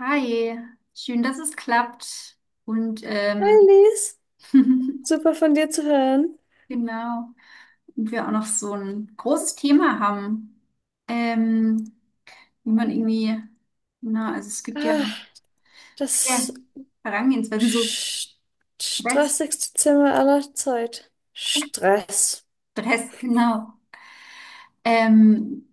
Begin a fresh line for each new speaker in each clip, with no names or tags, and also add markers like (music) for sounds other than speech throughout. Hi, schön, dass es klappt. Und
Hi Lies,
(laughs)
super von dir zu hören.
genau, und wir auch noch so ein großes Thema haben, ähm, wie man irgendwie, na, also es gibt ja
Ah, das
viele Herangehensweisen, so
st-
Stress,
stressigste Zimmer aller Zeit. Stress.
Stress, genau. Ähm,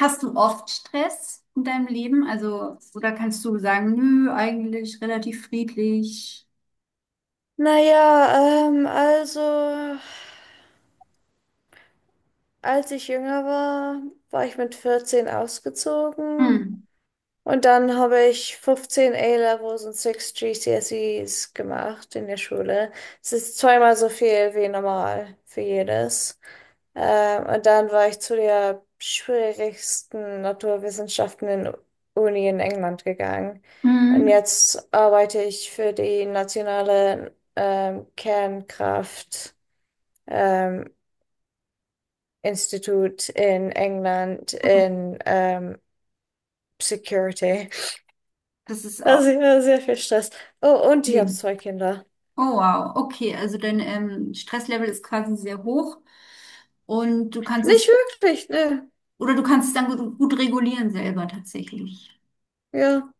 hast du oft Stress in deinem Leben? Also, oder kannst du sagen, nö, eigentlich relativ friedlich?
Naja, also, als ich jünger war, war ich mit 14 ausgezogen.
Hm.
Und dann habe ich 15 A-Levels und 6 GCSEs gemacht in der Schule. Es ist zweimal so viel wie normal für jedes. Und dann war ich zu der schwierigsten Naturwissenschaften in Uni in England gegangen. Und
Mhm.
jetzt arbeite ich für die nationale Kernkraft ähm, Institut in England in Security.
Das ist auch.
Also, ja, sehr viel Stress. Oh, und ich habe
Nee.
zwei Kinder.
Oh wow, okay, also dein Stresslevel ist quasi sehr hoch und du kannst
Nicht
es,
wirklich, ne.
oder du kannst es dann gut, gut regulieren selber tatsächlich.
Ja,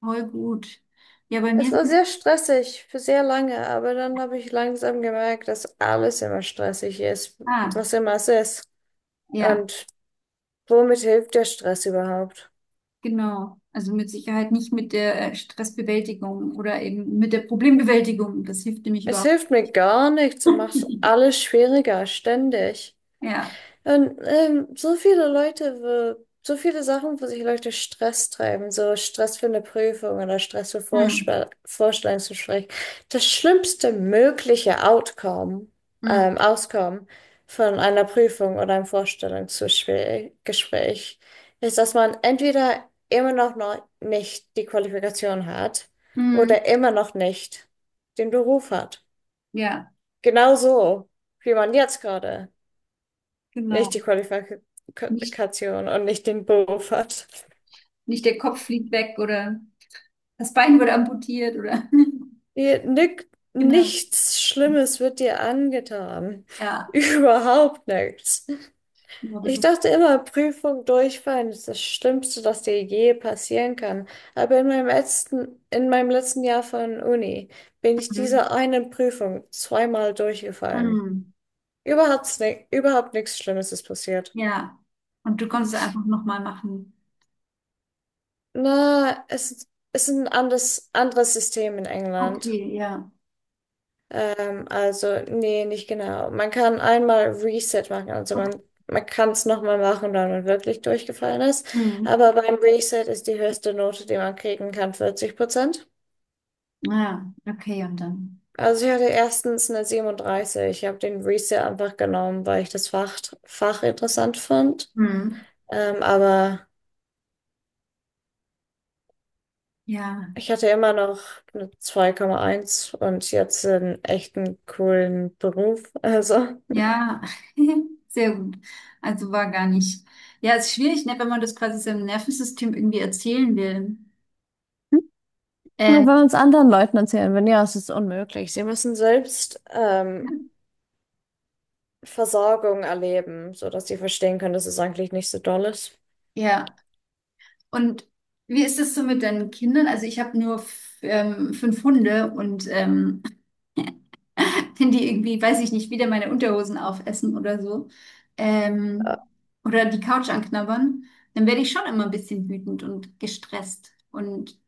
Voll gut. Ja, bei mir
es
ist
war
es,
sehr stressig für sehr lange, aber dann habe ich langsam gemerkt, dass alles immer stressig ist,
ah,
was immer es ist.
ja,
Und womit hilft der Stress überhaupt?
genau. Also mit Sicherheit nicht mit der Stressbewältigung oder eben mit der Problembewältigung. Das hilft nämlich
Es
überhaupt
hilft mir gar nichts, es macht
nicht.
alles schwieriger, ständig.
Ja,
Und so viele Leute, wo, so viele Sachen, wo sich Leute Stress treiben, so Stress für eine Prüfung oder Stress für
hm.
Vorstellungsgespräch. Das schlimmste mögliche Outcome,
Hm.
Auskommen von einer Prüfung oder einem Vorstellungsgespräch Gespräch ist, dass man entweder immer noch, noch nicht die Qualifikation hat
Hm.
oder immer noch nicht den Beruf hat.
Ja,
Genau so, wie man jetzt gerade. Nicht die
genau. Nicht,
Qualifikation und nicht den Beruf hat.
nicht der Kopf fliegt weg oder das Bein wurde amputiert oder,
Nick,
(laughs) genau.
nichts Schlimmes wird dir angetan. (laughs)
Ja,
Überhaupt nichts.
genau, das
Ich
ist.
dachte immer, Prüfung durchfallen ist das Schlimmste, das dir je passieren kann. Aber in meinem letzten Jahr von Uni bin ich
Mhm.
dieser einen Prüfung zweimal durchgefallen.
Mhm.
Überhaupt nichts Schlimmes ist passiert.
Ja. Und du konntest einfach nochmal machen.
Na, es ist ein anderes System in England.
Okay, ja.
Also, nee, nicht genau. Man kann einmal Reset machen, also man kann es nochmal machen, wenn man wirklich durchgefallen ist.
Mhm.
Aber beim Reset ist die höchste Note, die man kriegen kann, 40%.
Ja, okay, und dann.
Also ich hatte erstens eine 37. Ich habe den Reset einfach genommen, weil ich das Fach interessant fand.
Mhm.
Aber
Ja,
ich hatte immer noch eine 2,1 und jetzt einen echten coolen Beruf. Also.
ja, (laughs) sehr gut. Also war gar nicht. Ja, ist schwierig, ne, wenn man das quasi seinem Nervensystem irgendwie erzählen will.
Nur wenn
Ähm,
wir uns anderen Leuten erzählen würden, ja, es ist unmöglich. Sie müssen selbst
ja,
Versorgung erleben, sodass sie verstehen können, dass es eigentlich nicht so doll ist.
Ja. Und wie ist das so mit deinen Kindern? Also ich habe nur fünf Hunde und wenn die irgendwie, weiß ich nicht, wieder meine Unterhosen aufessen oder so,
Äh,
ähm, oder die Couch anknabbern, dann werde ich schon immer ein bisschen wütend und gestresst. Und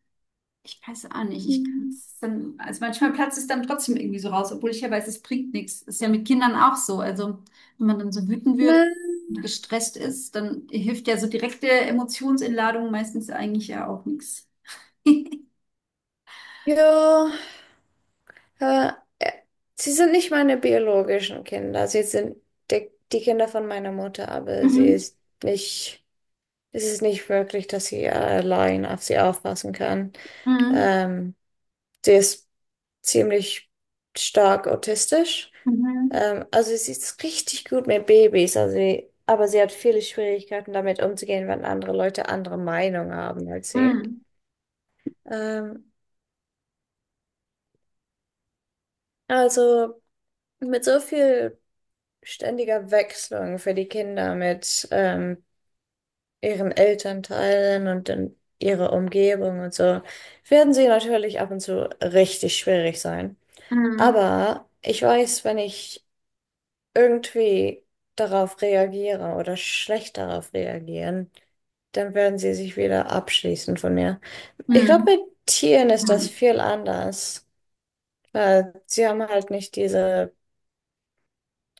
ich weiß auch nicht, ich
Hm.
kann's dann, also manchmal platzt es dann trotzdem irgendwie so raus, obwohl ich ja weiß, es bringt nichts. Ist ja mit Kindern auch so. Also, wenn man dann so wütend
Na,
wird und gestresst ist, dann hilft ja so direkte Emotionsentladung meistens eigentlich ja auch nichts. (laughs)
ja, äh, äh, sie sind nicht meine biologischen Kinder. Sie sind die Kinder von meiner Mutter, aber sie
Mhm.
ist nicht, es ist nicht wirklich, dass sie allein auf sie aufpassen kann.
Mhm.
Ähm, Sie ist ziemlich stark autistisch.
Mhm.
Also sie ist richtig gut mit Babys, also sie, aber sie hat viele Schwierigkeiten damit umzugehen, wenn andere Leute andere Meinung haben als sie.
Mhm.
Ähm, also mit so viel ständiger Wechselung für die Kinder mit ihren Elternteilen und dann ihrer Umgebung und so, werden sie natürlich ab und zu richtig schwierig sein.
Mhm.
Aber ich weiß, wenn ich irgendwie darauf reagiere oder schlecht darauf reagieren, dann werden sie sich wieder abschließen von mir. Ich glaube,
Hm.
mit Tieren ist das
Mhm.
viel anders, weil sie haben halt nicht diese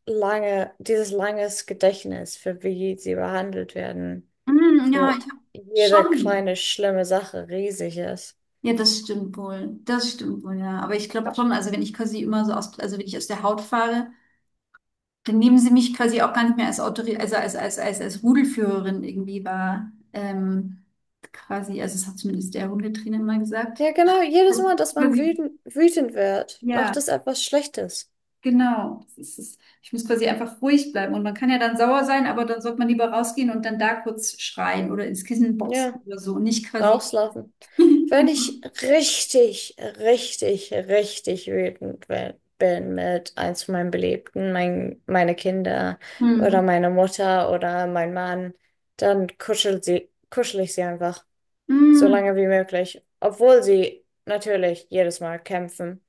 lange, dieses langes Gedächtnis für wie sie behandelt werden,
Hm, ja, ich
wo
habe
jede
schon.
kleine schlimme Sache riesig ist.
Ja, das stimmt wohl. Das stimmt wohl, ja. Aber ich glaube schon, also wenn ich quasi immer so aus, also wenn ich aus der Haut fahre, dann nehmen sie mich quasi auch gar nicht mehr als Autorität, also als Rudelführerin irgendwie war. Quasi, also das hat zumindest der Hundetrainer mal gesagt.
Ja, genau, jedes
Das ist
Mal, dass man
quasi,
wütend, wütend wird, macht
ja,
es etwas Schlechtes.
genau. Das ist, es. Ich muss quasi einfach ruhig bleiben. Und man kann ja dann sauer sein, aber dann sollte man lieber rausgehen und dann da kurz schreien oder ins Kissen boxen
Ja.
oder so. Und nicht quasi.
Rauslaufen.
(laughs)
Wenn
Genau.
ich richtig, richtig, richtig wütend bin mit eins von meinen Beliebten, meine Kinder
Hm.
oder meine Mutter oder mein Mann, dann kuschel sie, kuschel ich sie einfach so
Mm,
lange wie möglich, obwohl sie natürlich jedes Mal kämpfen.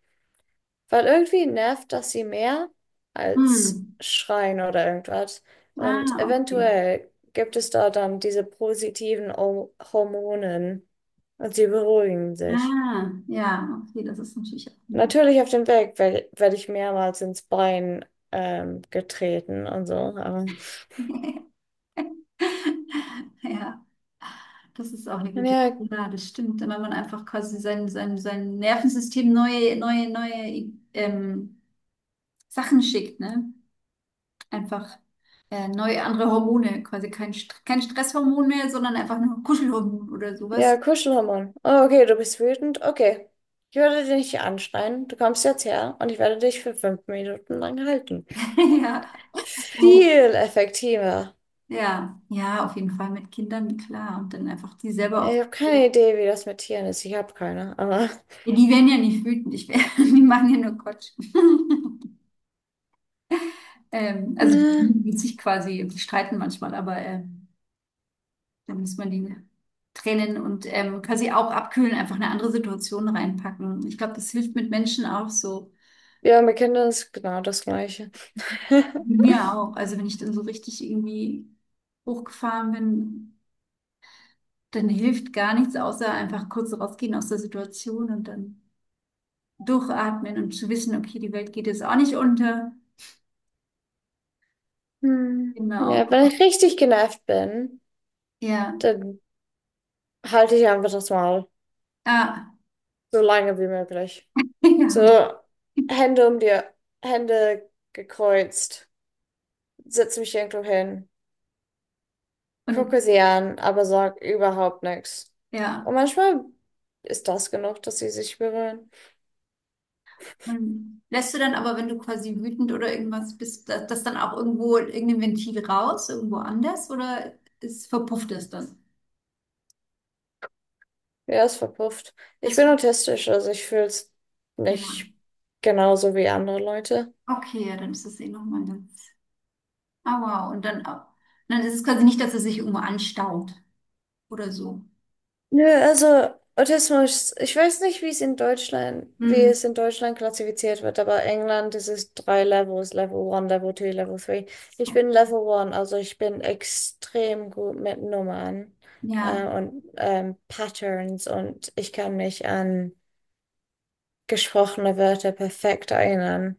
Weil irgendwie nervt das sie mehr als
mm.
Schreien oder irgendwas. Und
Ah, okay.
eventuell gibt es da dann diese positiven Hormonen und sie beruhigen sich.
Ah, ja, okay, das ist natürlich auch eine gute
Natürlich auf dem Weg werde werd werd ich mehrmals ins Bein getreten und so. Aber
(laughs) Ja, das ist auch eine gute
ja,
Ja, das stimmt. Wenn man einfach quasi sein Nervensystem neue Sachen schickt, ne? Einfach neue andere Hormone, quasi kein Stresshormon mehr, sondern einfach nur Kuschelhormon oder
ja,
sowas.
Kuschelhormon. Oh, okay, du bist wütend. Okay. Ich werde dich nicht anschreien. Du kommst jetzt her und ich werde dich für 5 Minuten lang halten.
(laughs) Ja. Oh.
Viel effektiver.
Ja, ja, auf jeden Fall mit Kindern, klar. Und dann einfach die selber
Ja,
auch
ich habe keine Idee, wie das mit Tieren ist. Ich habe keine, aber
Ja, die werden ja nicht wütend, ich wär, (laughs) die machen ja nur Quatsch. (laughs) Also die
ne.
lieben sich quasi, die streiten manchmal, aber da muss man die trennen und quasi auch abkühlen, einfach eine andere Situation reinpacken. Ich glaube, das hilft mit Menschen auch so.
Ja, mit Kindern ist genau das Gleiche.
Mit
(laughs)
Mir auch. Also wenn ich dann so richtig irgendwie hochgefahren bin, dann hilft gar nichts, außer einfach kurz rausgehen aus der Situation und dann durchatmen und zu wissen, okay, die Welt geht jetzt auch nicht unter.
Hm.
Genau.
Ja, wenn ich richtig genervt bin,
Ja.
dann halte ich einfach das Maul.
Ah.
So lange wie möglich.
(laughs) Ja.
So, Hände um die Hände gekreuzt, setze mich irgendwo hin,
Und
gucke sie an, aber sag überhaupt nichts.
ja,
Und manchmal ist das genug, dass sie sich berühren.
und lässt du dann aber, wenn du quasi wütend oder irgendwas bist, das, das dann auch irgendwo irgendein Ventil raus, irgendwo anders oder ist, verpufft es dann?
Ja, ist verpufft. Ich
Das,
bin autistisch, also ich fühle es
ja,
nicht genauso wie andere Leute.
okay, ja, dann ist das eh nochmal ganz. Ah, wow, und dann auch. Dann ist es quasi nicht, dass es sich irgendwo anstaut oder so.
Nö, also Autismus, ich weiß nicht, wie es in Deutschland, wie
Hm.
es in Deutschland klassifiziert wird, aber England, das ist drei Levels, Level 1, Level 2, Level 3. Ich bin Level 1, also ich bin extrem gut mit Nummern
Ja,
und Patterns und ich kann mich an gesprochene Wörter perfekt erinnern.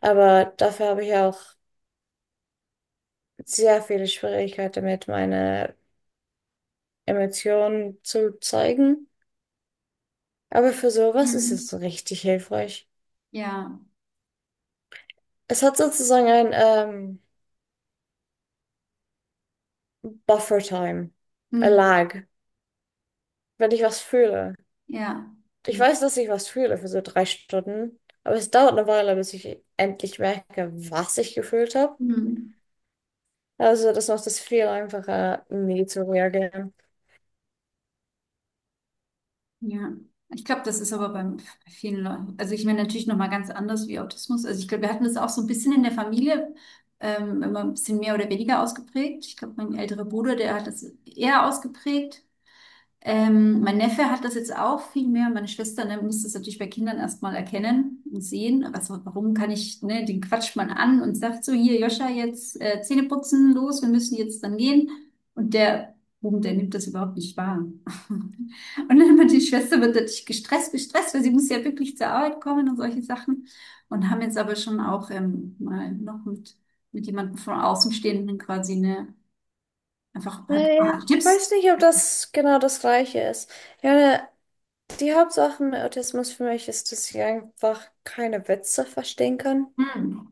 Aber dafür habe ich auch sehr viele Schwierigkeiten damit, meine Emotionen zu zeigen. Aber für sowas ist
hm.
es richtig hilfreich.
Ja,
Es hat sozusagen ein Buffer-Time, a
hm.
lag, wenn ich was fühle.
Ja,
Ich
Dann-
weiß, dass ich was fühle für so 3 Stunden, aber es dauert eine Weile, bis ich endlich merke, was ich gefühlt habe.
hm.
Also das macht es viel einfacher, nie zu reagieren.
Ja, ich glaube, das ist aber beim, bei vielen Leuten, also ich meine natürlich nochmal ganz anders wie Autismus. Also ich glaube, wir hatten das auch so ein bisschen in der Familie, immer ein bisschen mehr oder weniger ausgeprägt. Ich glaube, mein älterer Bruder, der hat das eher ausgeprägt. Mein Neffe hat das jetzt auch viel mehr. Meine Schwester, ne, muss das natürlich bei Kindern erstmal erkennen und sehen. Warum kann ich, ne, den quatscht man an und sagt so, hier, Joscha, jetzt Zähne putzen, los, wir müssen jetzt dann gehen. Und der Buben, der nimmt das überhaupt nicht wahr. (laughs) Und dann wird die Schwester wird natürlich gestresst, gestresst, weil sie muss ja wirklich zur Arbeit kommen und solche Sachen. Und haben jetzt aber schon auch mal noch mit, jemandem von Außenstehenden quasi, ne, einfach ein
Naja,
paar
ich
Tipps.
weiß nicht, ob das genau das Gleiche ist. Ja, die Hauptsache mit Autismus für mich ist, dass ich einfach keine Witze verstehen kann.
Hm.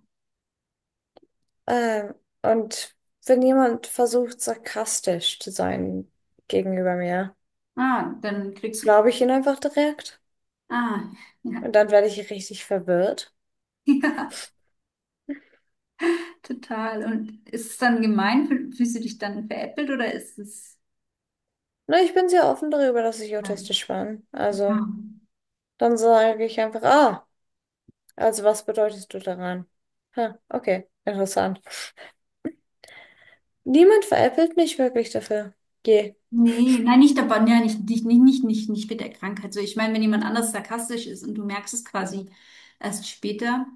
Ähm, und wenn jemand versucht, sarkastisch zu sein gegenüber mir,
Ah, dann kriegst du.
glaube ich ihn einfach direkt.
Ah, ja.
Und dann werde ich richtig verwirrt.
(laughs) Ja, total. Und ist es dann gemein? Fühlst du dich dann veräppelt oder ist es.
Na, ich bin sehr offen darüber, dass ich
Ja.
autistisch bin.
Ah.
Also, dann sage ich einfach, ah, also was bedeutest du daran? Ha, okay, interessant. Niemand veräppelt mich wirklich dafür. Je.
Nee, nein, nicht dabei, ja, nicht, nicht, nicht, nicht, nicht, nicht mit der Krankheit. So, ich meine, wenn jemand anders sarkastisch ist und du merkst es quasi erst später,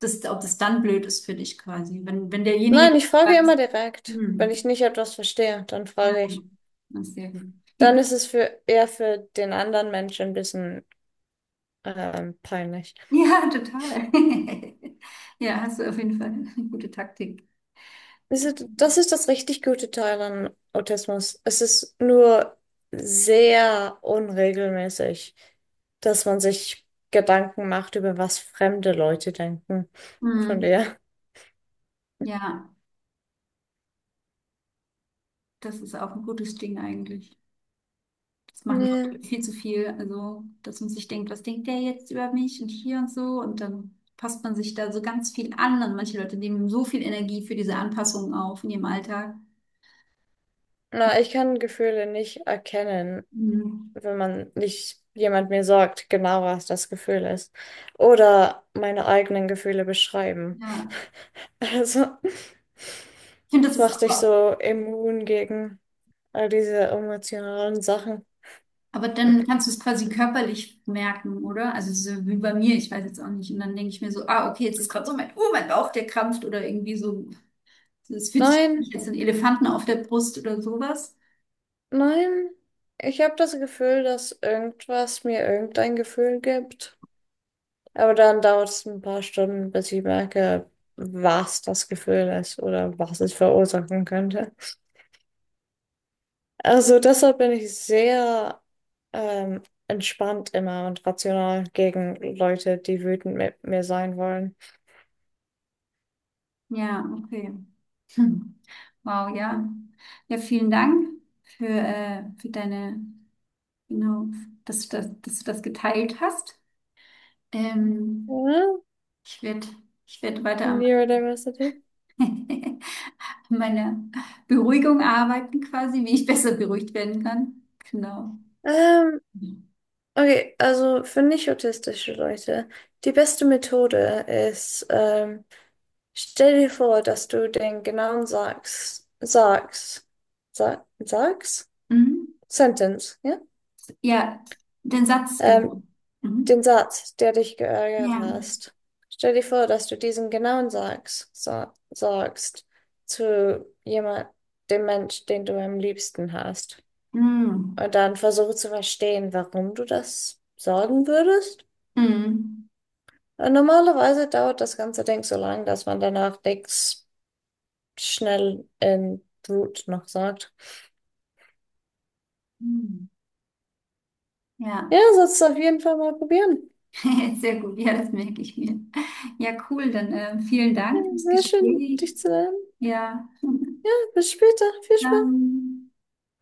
ob das dann blöd ist für dich quasi. Wenn, wenn
Nein,
derjenige
ich frage
sagt,
immer direkt.
hm,
Wenn ich nicht etwas verstehe, dann
ja,
frage ich.
das ist sehr gut.
Dann ist es für eher für den anderen Menschen ein bisschen peinlich.
Ja, total. (laughs) Ja, hast du auf jeden Fall eine gute Taktik.
Das ist das richtig gute Teil an Autismus. Es ist nur sehr unregelmäßig, dass man sich Gedanken macht, über was fremde Leute denken. Von
Mhm.
der.
Ja. Das ist auch ein gutes Ding eigentlich. Das machen
Ja.
Leute viel zu viel. Also, dass man sich denkt, was denkt der jetzt über mich und hier und so. Und dann passt man sich da so ganz viel an. Und manche Leute nehmen so viel Energie für diese Anpassungen auf in ihrem Alltag.
Na, ich kann Gefühle nicht erkennen,
Mhm.
wenn man nicht jemand mir sagt, genau was das Gefühl ist. Oder meine eigenen Gefühle beschreiben.
Ja,
Also,
ich finde, das
es
ist
macht dich so immun gegen all diese emotionalen Sachen.
aber dann kannst du es quasi körperlich merken, oder? Also, so wie bei mir, ich weiß jetzt auch nicht. Und dann denke ich mir so, ah, okay, jetzt ist gerade so mein, oh, mein Bauch, der krampft oder irgendwie so. Es fühlt sich
Nein,
nicht als ein Elefanten auf der Brust oder sowas.
nein. Ich habe das Gefühl, dass irgendwas mir irgendein Gefühl gibt. Aber dann dauert es ein paar Stunden, bis ich merke, was das Gefühl ist oder was es verursachen könnte. Also deshalb bin ich sehr ähm, entspannt immer und rational gegen Leute, die wütend mit mir sein wollen.
Ja, okay. Hm. Wow, ja. Ja, vielen Dank für deine, genau, dass du das geteilt hast. Ähm,
Ja,
ich werde ich werd weiter an
Neurodiversity.
(laughs) an meiner Beruhigung arbeiten, quasi, wie ich besser beruhigt werden kann. Genau.
Ähm, okay, also für nicht autistische Leute, die beste Methode ist, stell dir vor, dass du den genauen Sa- Sags,
Mhm.
Sentence, ja?
Ja, den Satz, genau.
Ähm, Den
Mhm.
Satz, der dich geärgert
Ja.
hast. Stell dir vor, dass du diesen genauen sagst zu jemand, dem Mensch, den du am liebsten hast.
Mhm.
Und dann versuche zu verstehen, warum du das sagen würdest.
Mhm.
Normalerweise dauert das ganze Ding so lang, dass man danach nichts schnell in Brut noch sagt.
Mhm. Ja,
Ja, sollst du auf jeden Fall mal probieren.
(laughs) sehr gut. Ja, das merke ich mir. Ja, cool. Dann vielen
Ja,
Dank fürs
sehr schön,
Gespräch.
dich zu lernen.
Ja,
Ja, bis später. Viel Spaß.
dann